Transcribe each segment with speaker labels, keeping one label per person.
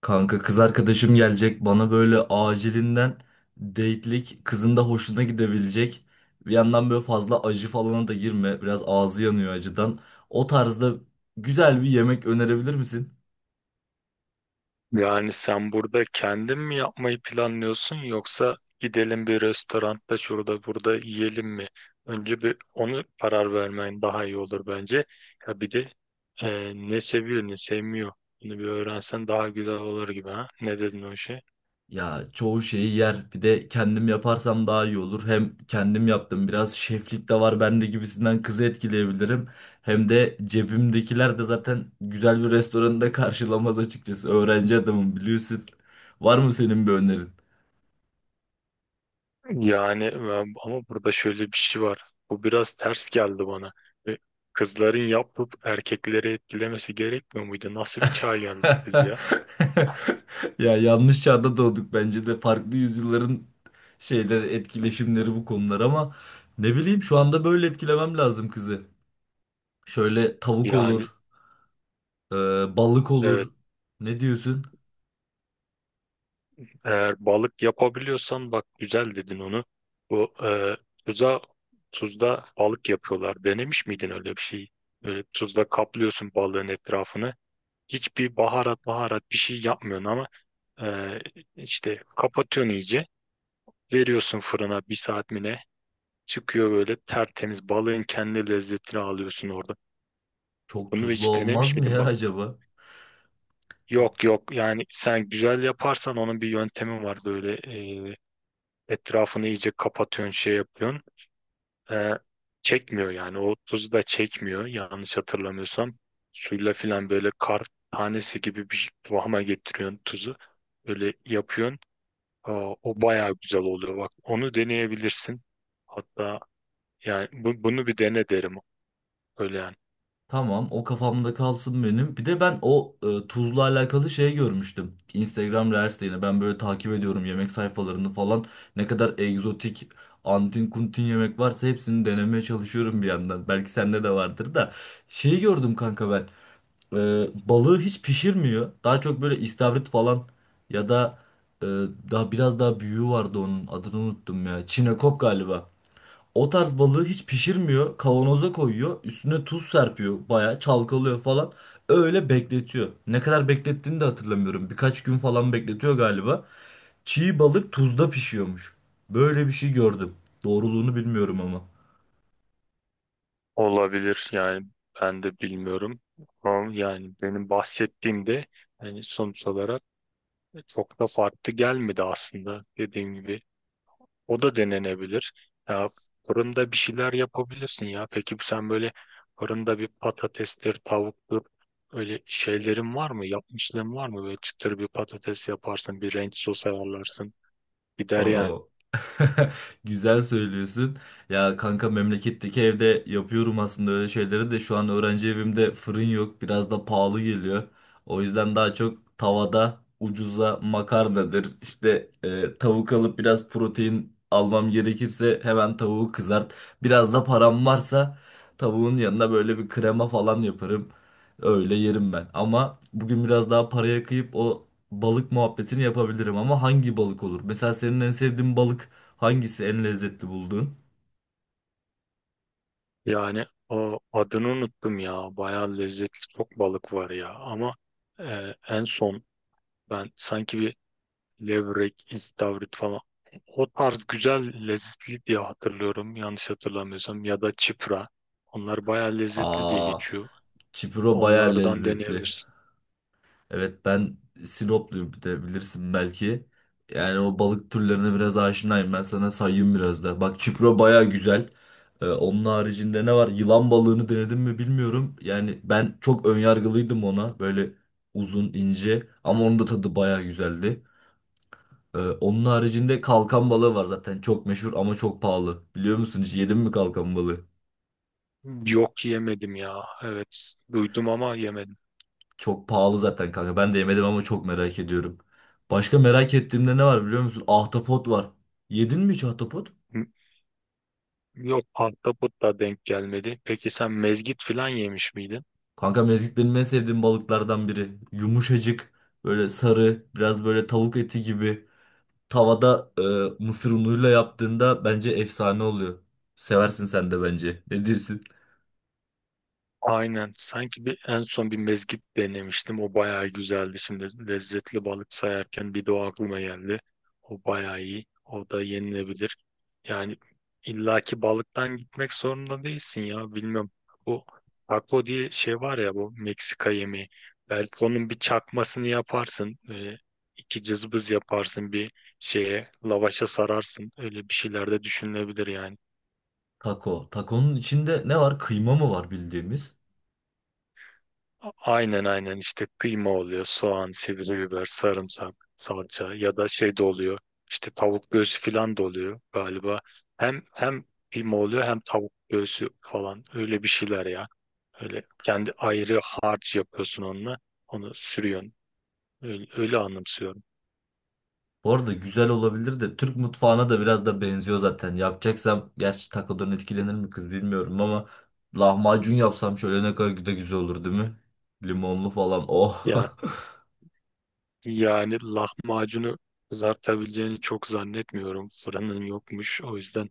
Speaker 1: Kanka kız arkadaşım gelecek bana böyle acilinden date'lik kızın da hoşuna gidebilecek. Bir yandan böyle fazla acı falana da girme. Biraz ağzı yanıyor acıdan. O tarzda güzel bir yemek önerebilir misin?
Speaker 2: Yani sen burada kendin mi yapmayı planlıyorsun, yoksa gidelim bir restoranda şurada burada yiyelim mi? Önce bir onu karar vermen daha iyi olur bence. Ya bir de ne seviyor ne sevmiyor. Bunu bir öğrensen daha güzel olur gibi ha. Ne dedin o şey?
Speaker 1: Ya çoğu şeyi yer. Bir de kendim yaparsam daha iyi olur. Hem kendim yaptım biraz şeflik de var bende gibisinden kızı etkileyebilirim. Hem de cebimdekiler de zaten güzel bir restoranda karşılamaz açıkçası. Öğrenci adamım biliyorsun. Var mı senin bir önerin?
Speaker 2: Ama burada şöyle bir şey var. Bu biraz ters geldi bana. E, Kızların yapıp erkekleri etkilemesi gerekmiyor muydu? Nasıl bir çağa geldik biz ya?
Speaker 1: Ya yanlış çağda doğduk bence de farklı yüzyılların şeyleri etkileşimleri bu konular ama ne bileyim şu anda böyle etkilemem lazım kızı. Şöyle tavuk
Speaker 2: Yani
Speaker 1: olur, e, balık
Speaker 2: evet,
Speaker 1: olur. Ne diyorsun?
Speaker 2: eğer balık yapabiliyorsan, bak güzel dedin onu. Bu e, tuza tuzda balık yapıyorlar. Denemiş miydin öyle bir şey? Böyle tuzla kaplıyorsun balığın etrafını. Hiçbir baharat bir şey yapmıyorsun ama e, işte kapatıyorsun iyice. Veriyorsun fırına bir saat mi ne? Çıkıyor böyle tertemiz, balığın kendi lezzetini alıyorsun orada.
Speaker 1: Çok
Speaker 2: Bunu
Speaker 1: tuzlu
Speaker 2: hiç
Speaker 1: olmaz
Speaker 2: denemiş
Speaker 1: mı
Speaker 2: miydin?
Speaker 1: ya
Speaker 2: Bak,
Speaker 1: acaba?
Speaker 2: yok yok, yani sen güzel yaparsan onun bir yöntemi var böyle. e, Etrafını iyice kapatıyorsun, şey yapıyorsun. Ee, Çekmiyor yani. O tuzu da çekmiyor. Yanlış hatırlamıyorsam. Suyla filan böyle kar tanesi gibi bir kıvama getiriyorsun tuzu. Böyle yapıyorsun. Aa, o bayağı güzel oluyor. Bak onu deneyebilirsin. Hatta yani bunu bir dene derim. Öyle yani.
Speaker 1: Tamam o kafamda kalsın benim. Bir de ben o tuzla alakalı şey görmüştüm. Instagram Reels'te yine ben böyle takip ediyorum yemek sayfalarını falan. Ne kadar egzotik antin kuntin yemek varsa hepsini denemeye çalışıyorum bir yandan. Belki sende de vardır da. Şeyi gördüm kanka ben. E, Balığı hiç pişirmiyor. Daha çok böyle istavrit falan ya da e, daha biraz daha büyüğü vardı onun adını unuttum ya. Çinekop galiba. O tarz balığı hiç pişirmiyor. Kavanoza koyuyor. Üstüne tuz serpiyor. Bayağı çalkalıyor falan. Öyle bekletiyor. Ne kadar beklettiğini de hatırlamıyorum. Birkaç gün falan bekletiyor galiba. Çiğ balık tuzda pişiyormuş. Böyle bir şey gördüm. Doğruluğunu bilmiyorum ama.
Speaker 2: Olabilir yani, ben de bilmiyorum. Ama yani benim bahsettiğimde, yani sonuç olarak çok da farklı gelmedi aslında, dediğim gibi. O da denenebilir. Ya fırında bir şeyler yapabilirsin ya. Peki sen böyle fırında bir patatestir, tavuktur, öyle şeylerin var mı? Yapmışlığın var mı? Böyle çıtır bir patates yaparsın, bir renk sos ayarlarsın. Gider
Speaker 1: Aa.
Speaker 2: yani.
Speaker 1: Güzel söylüyorsun. Ya kanka memleketteki evde yapıyorum aslında öyle şeyleri de şu an öğrenci evimde fırın yok. Biraz da pahalı geliyor. O yüzden daha çok tavada ucuza makarnadır. İşte tavuk alıp biraz protein almam gerekirse hemen tavuğu kızart. Biraz da param varsa tavuğun yanına böyle bir krema falan yaparım. Öyle yerim ben. Ama bugün biraz daha paraya kıyıp o balık muhabbetini yapabilirim ama hangi balık olur? Mesela senin en sevdiğin balık hangisi? En lezzetli bulduğun?
Speaker 2: Yani o adını unuttum ya. Bayağı lezzetli çok balık var ya. Ama en son ben sanki bir levrek, istavrit falan. O tarz güzel, lezzetli diye hatırlıyorum. Yanlış hatırlamıyorsam. Ya da çipra. Onlar bayağı lezzetli diye
Speaker 1: Aa,
Speaker 2: geçiyor.
Speaker 1: çipuro bayağı
Speaker 2: Onlardan
Speaker 1: lezzetli.
Speaker 2: deneyebilirsin.
Speaker 1: Evet ben Sinopluyum bir de bilirsin belki. Yani o balık türlerine biraz aşinayım. Ben sana sayayım biraz da. Bak çipuro bayağı güzel. Onun haricinde ne var? Yılan balığını denedim mi bilmiyorum. Yani ben çok önyargılıydım ona. Böyle uzun, ince ama onun da tadı bayağı güzeldi. Onun haricinde kalkan balığı var zaten. Çok meşhur ama çok pahalı. Biliyor musun hiç yedin mi kalkan balığı?
Speaker 2: Yok, yemedim ya. Evet. Duydum ama yemedim.
Speaker 1: Çok pahalı zaten kanka. Ben de yemedim ama çok merak ediyorum. Başka merak ettiğimde ne var biliyor musun? Ahtapot var. Yedin mi hiç ahtapot?
Speaker 2: Yok, ahtapot da denk gelmedi. Peki sen mezgit falan yemiş miydin?
Speaker 1: Kanka mezgit benim en sevdiğim balıklardan biri. Yumuşacık, böyle sarı, biraz böyle tavuk eti gibi. Tavada mısır unuyla yaptığında bence efsane oluyor. Seversin sen de bence. Ne diyorsun?
Speaker 2: Aynen. Sanki bir en son bir mezgit denemiştim. O bayağı güzeldi. Şimdi lezzetli balık sayarken bir de o aklıma geldi. O bayağı iyi. O da yenilebilir. Yani illaki balıktan gitmek zorunda değilsin ya. Bilmem. Bu taco diye şey var ya, bu Meksika yemeği. Belki onun bir çakmasını yaparsın. Böyle iki cızbız yaparsın, bir şeye lavaşa sararsın. Öyle bir şeyler de düşünülebilir yani.
Speaker 1: Taco. Taco'nun içinde ne var? Kıyma mı var bildiğimiz?
Speaker 2: Aynen, aynen, işte kıyma oluyor, soğan, sivri biber, sarımsak, salça ya da şey de oluyor. İşte tavuk göğsü falan da oluyor galiba. Hem kıyma oluyor, hem tavuk göğsü falan, öyle bir şeyler ya. Öyle kendi ayrı harç yapıyorsun onunla. Onu sürüyorsun. Öyle, öyle anımsıyorum.
Speaker 1: Bu arada güzel olabilir de Türk mutfağına da biraz da benziyor zaten. Yapacaksam gerçi takodan etkilenir mi kız bilmiyorum ama lahmacun yapsam şöyle ne kadar da güzel olur değil mi? Limonlu falan. Oh.
Speaker 2: Ya yani lahmacunu kızartabileceğini çok zannetmiyorum. Fırının yokmuş. O yüzden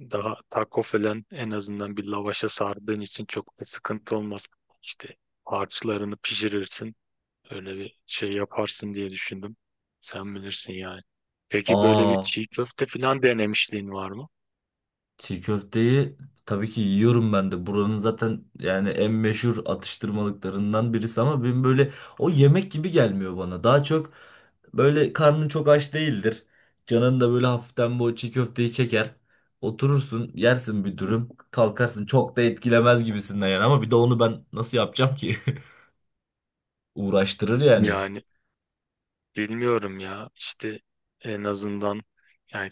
Speaker 2: daha taco falan, en azından bir lavaşa sardığın için, çok da sıkıntı olmaz. İşte harçlarını pişirirsin. Öyle bir şey yaparsın diye düşündüm. Sen bilirsin yani. Peki böyle bir
Speaker 1: Aa,
Speaker 2: çiğ köfte falan denemişliğin var mı?
Speaker 1: çiğ köfteyi tabii ki yiyorum ben de. Buranın zaten yani en meşhur atıştırmalıklarından birisi ama benim böyle o yemek gibi gelmiyor bana. Daha çok böyle karnın çok aç değildir. Canın da böyle hafiften bu çiğ köfteyi çeker. Oturursun, yersin bir dürüm, kalkarsın. Çok da etkilemez gibisinden yani ama bir de onu ben nasıl yapacağım ki? Uğraştırır yani.
Speaker 2: Yani bilmiyorum ya. İşte en azından yani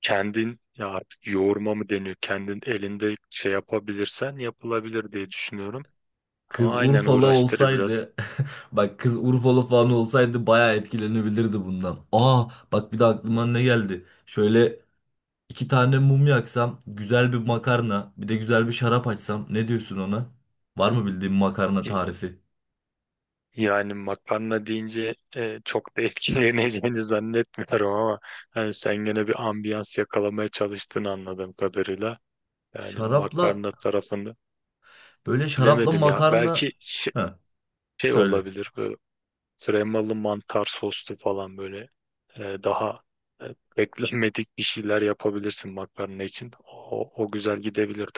Speaker 2: kendin, ya artık yoğurma mı deniyor, kendin elinde şey yapabilirsen yapılabilir diye düşünüyorum.
Speaker 1: Kız
Speaker 2: Ama aynen
Speaker 1: Urfalı
Speaker 2: uğraştırır biraz.
Speaker 1: olsaydı bak kız Urfalı falan olsaydı bayağı etkilenebilirdi bundan. Aa, bak bir de aklıma ne geldi. Şöyle iki tane mum yaksam, güzel bir makarna, bir de güzel bir şarap açsam ne diyorsun ona? Var mı bildiğin makarna tarifi?
Speaker 2: Yani makarna deyince çok da etkileneceğini zannetmiyorum, ama hani sen gene bir ambiyans yakalamaya çalıştığını anladığım kadarıyla. Yani
Speaker 1: Şarapla
Speaker 2: makarna tarafını
Speaker 1: böyle şarapla
Speaker 2: bilemedim ya.
Speaker 1: makarna.
Speaker 2: Belki şey,
Speaker 1: Heh,
Speaker 2: şey
Speaker 1: söyle.
Speaker 2: olabilir böyle kremalı mantar soslu falan, böyle e, daha e, beklenmedik bir şeyler yapabilirsin makarna için. O, o güzel gidebilir.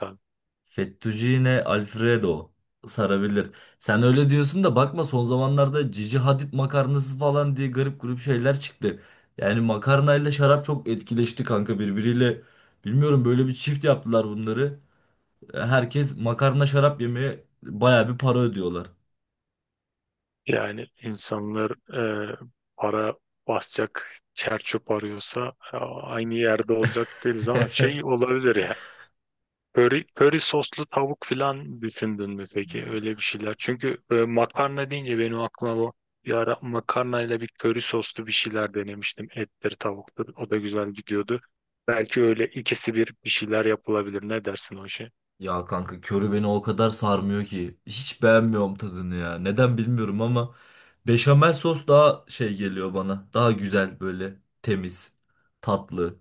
Speaker 1: Fettuccine Alfredo sarabilir. Sen öyle diyorsun da bakma son zamanlarda Cici Hadid makarnası falan diye garip grup şeyler çıktı. Yani makarnayla şarap çok etkileşti kanka birbiriyle. Bilmiyorum böyle bir çift yaptılar bunları. Herkes makarna şarap yemeye baya bir para ödüyorlar.
Speaker 2: Yani insanlar e, para basacak çer arıyorsa, aynı yerde olacak değiliz ama şey olabilir ya. Köri, köri soslu tavuk filan düşündün mü peki, öyle bir şeyler? Çünkü makarna deyince benim aklıma bu, bir ara makarnayla bir köri soslu bir şeyler denemiştim. Ettir tavuktur, o da güzel gidiyordu. Belki öyle ikisi bir şeyler yapılabilir. Ne dersin o işe?
Speaker 1: Ya kanka körü beni o kadar sarmıyor ki. Hiç beğenmiyorum tadını ya. Neden bilmiyorum ama beşamel sos daha şey geliyor bana. Daha güzel böyle temiz, tatlı.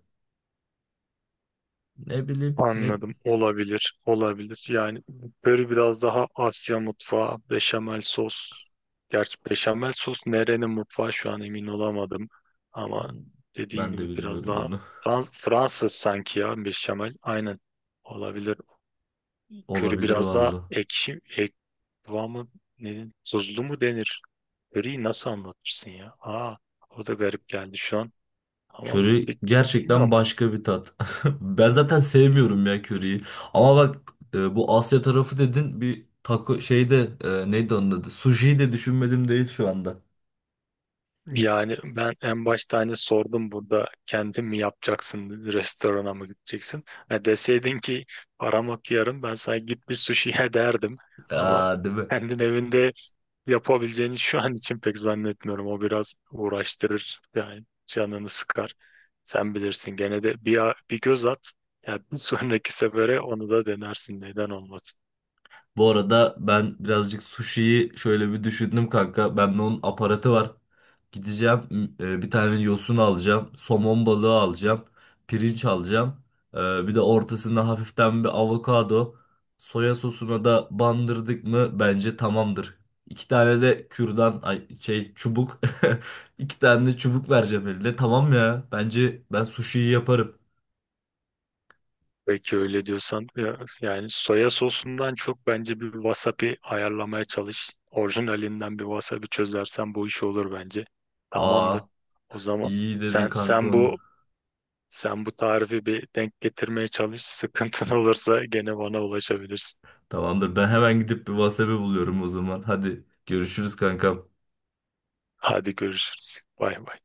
Speaker 1: Ne bileyim ne
Speaker 2: Anladım. Olabilir. Olabilir. Yani böyle biraz daha Asya mutfağı, beşamel sos. Gerçi beşamel sos nerenin mutfağı şu an emin olamadım. Ama dediğin
Speaker 1: ben de
Speaker 2: gibi biraz
Speaker 1: bilmiyorum
Speaker 2: daha
Speaker 1: bunu.
Speaker 2: Fransız sanki ya beşamel. Aynen. Olabilir. Köri
Speaker 1: Olabilir
Speaker 2: biraz daha
Speaker 1: valla.
Speaker 2: ekşi, kıvamı ne, tuzlu mu denir? Köriyi nasıl anlatırsın ya? Aa, o da garip geldi şu an. Ama
Speaker 1: Köri
Speaker 2: bi-
Speaker 1: gerçekten
Speaker 2: bilmiyorum.
Speaker 1: başka bir tat. Ben zaten sevmiyorum ya köriyi. Ama bak bu Asya tarafı dedin bir taco şeyde neydi onun adı? Sushi de düşünmedim değil şu anda.
Speaker 2: Yani ben en başta hani sordum, burada kendin mi yapacaksın, restorana mı gideceksin? Ha, deseydin ki param yok, yarın ben sana git bir sushi'ye derdim. Ama
Speaker 1: Aa, değil mi?
Speaker 2: kendin evinde yapabileceğini şu an için pek zannetmiyorum. O biraz uğraştırır, yani canını sıkar. Sen bilirsin gene de, bir, bir göz at. Ya bir sonraki sefere onu da denersin, neden olmasın.
Speaker 1: Bu arada ben birazcık sushi'yi şöyle bir düşündüm kanka. Bende onun aparatı var. Gideceğim bir tane yosun alacağım. Somon balığı alacağım. Pirinç alacağım. E, Bir de ortasında hafiften bir avokado. Soya sosuna da bandırdık mı bence tamamdır. İki tane de kürdan ay, şey çubuk. İki tane de çubuk vereceğim eline. Tamam ya. Bence ben sushi'yi yaparım.
Speaker 2: Peki öyle diyorsan, yani soya sosundan çok bence bir wasabi ayarlamaya çalış. Orijinalinden bir wasabi çözersen bu iş olur bence. Tamamdır.
Speaker 1: Aa,
Speaker 2: O zaman
Speaker 1: iyi dedin
Speaker 2: sen
Speaker 1: kanka
Speaker 2: sen
Speaker 1: onu.
Speaker 2: bu, bu tarifi bir denk getirmeye çalış. Sıkıntın olursa gene bana ulaşabilirsin.
Speaker 1: Tamamdır. Ben hemen gidip bir WhatsApp'ı buluyorum o zaman. Hadi görüşürüz kankam.
Speaker 2: Hadi görüşürüz. Bay bay.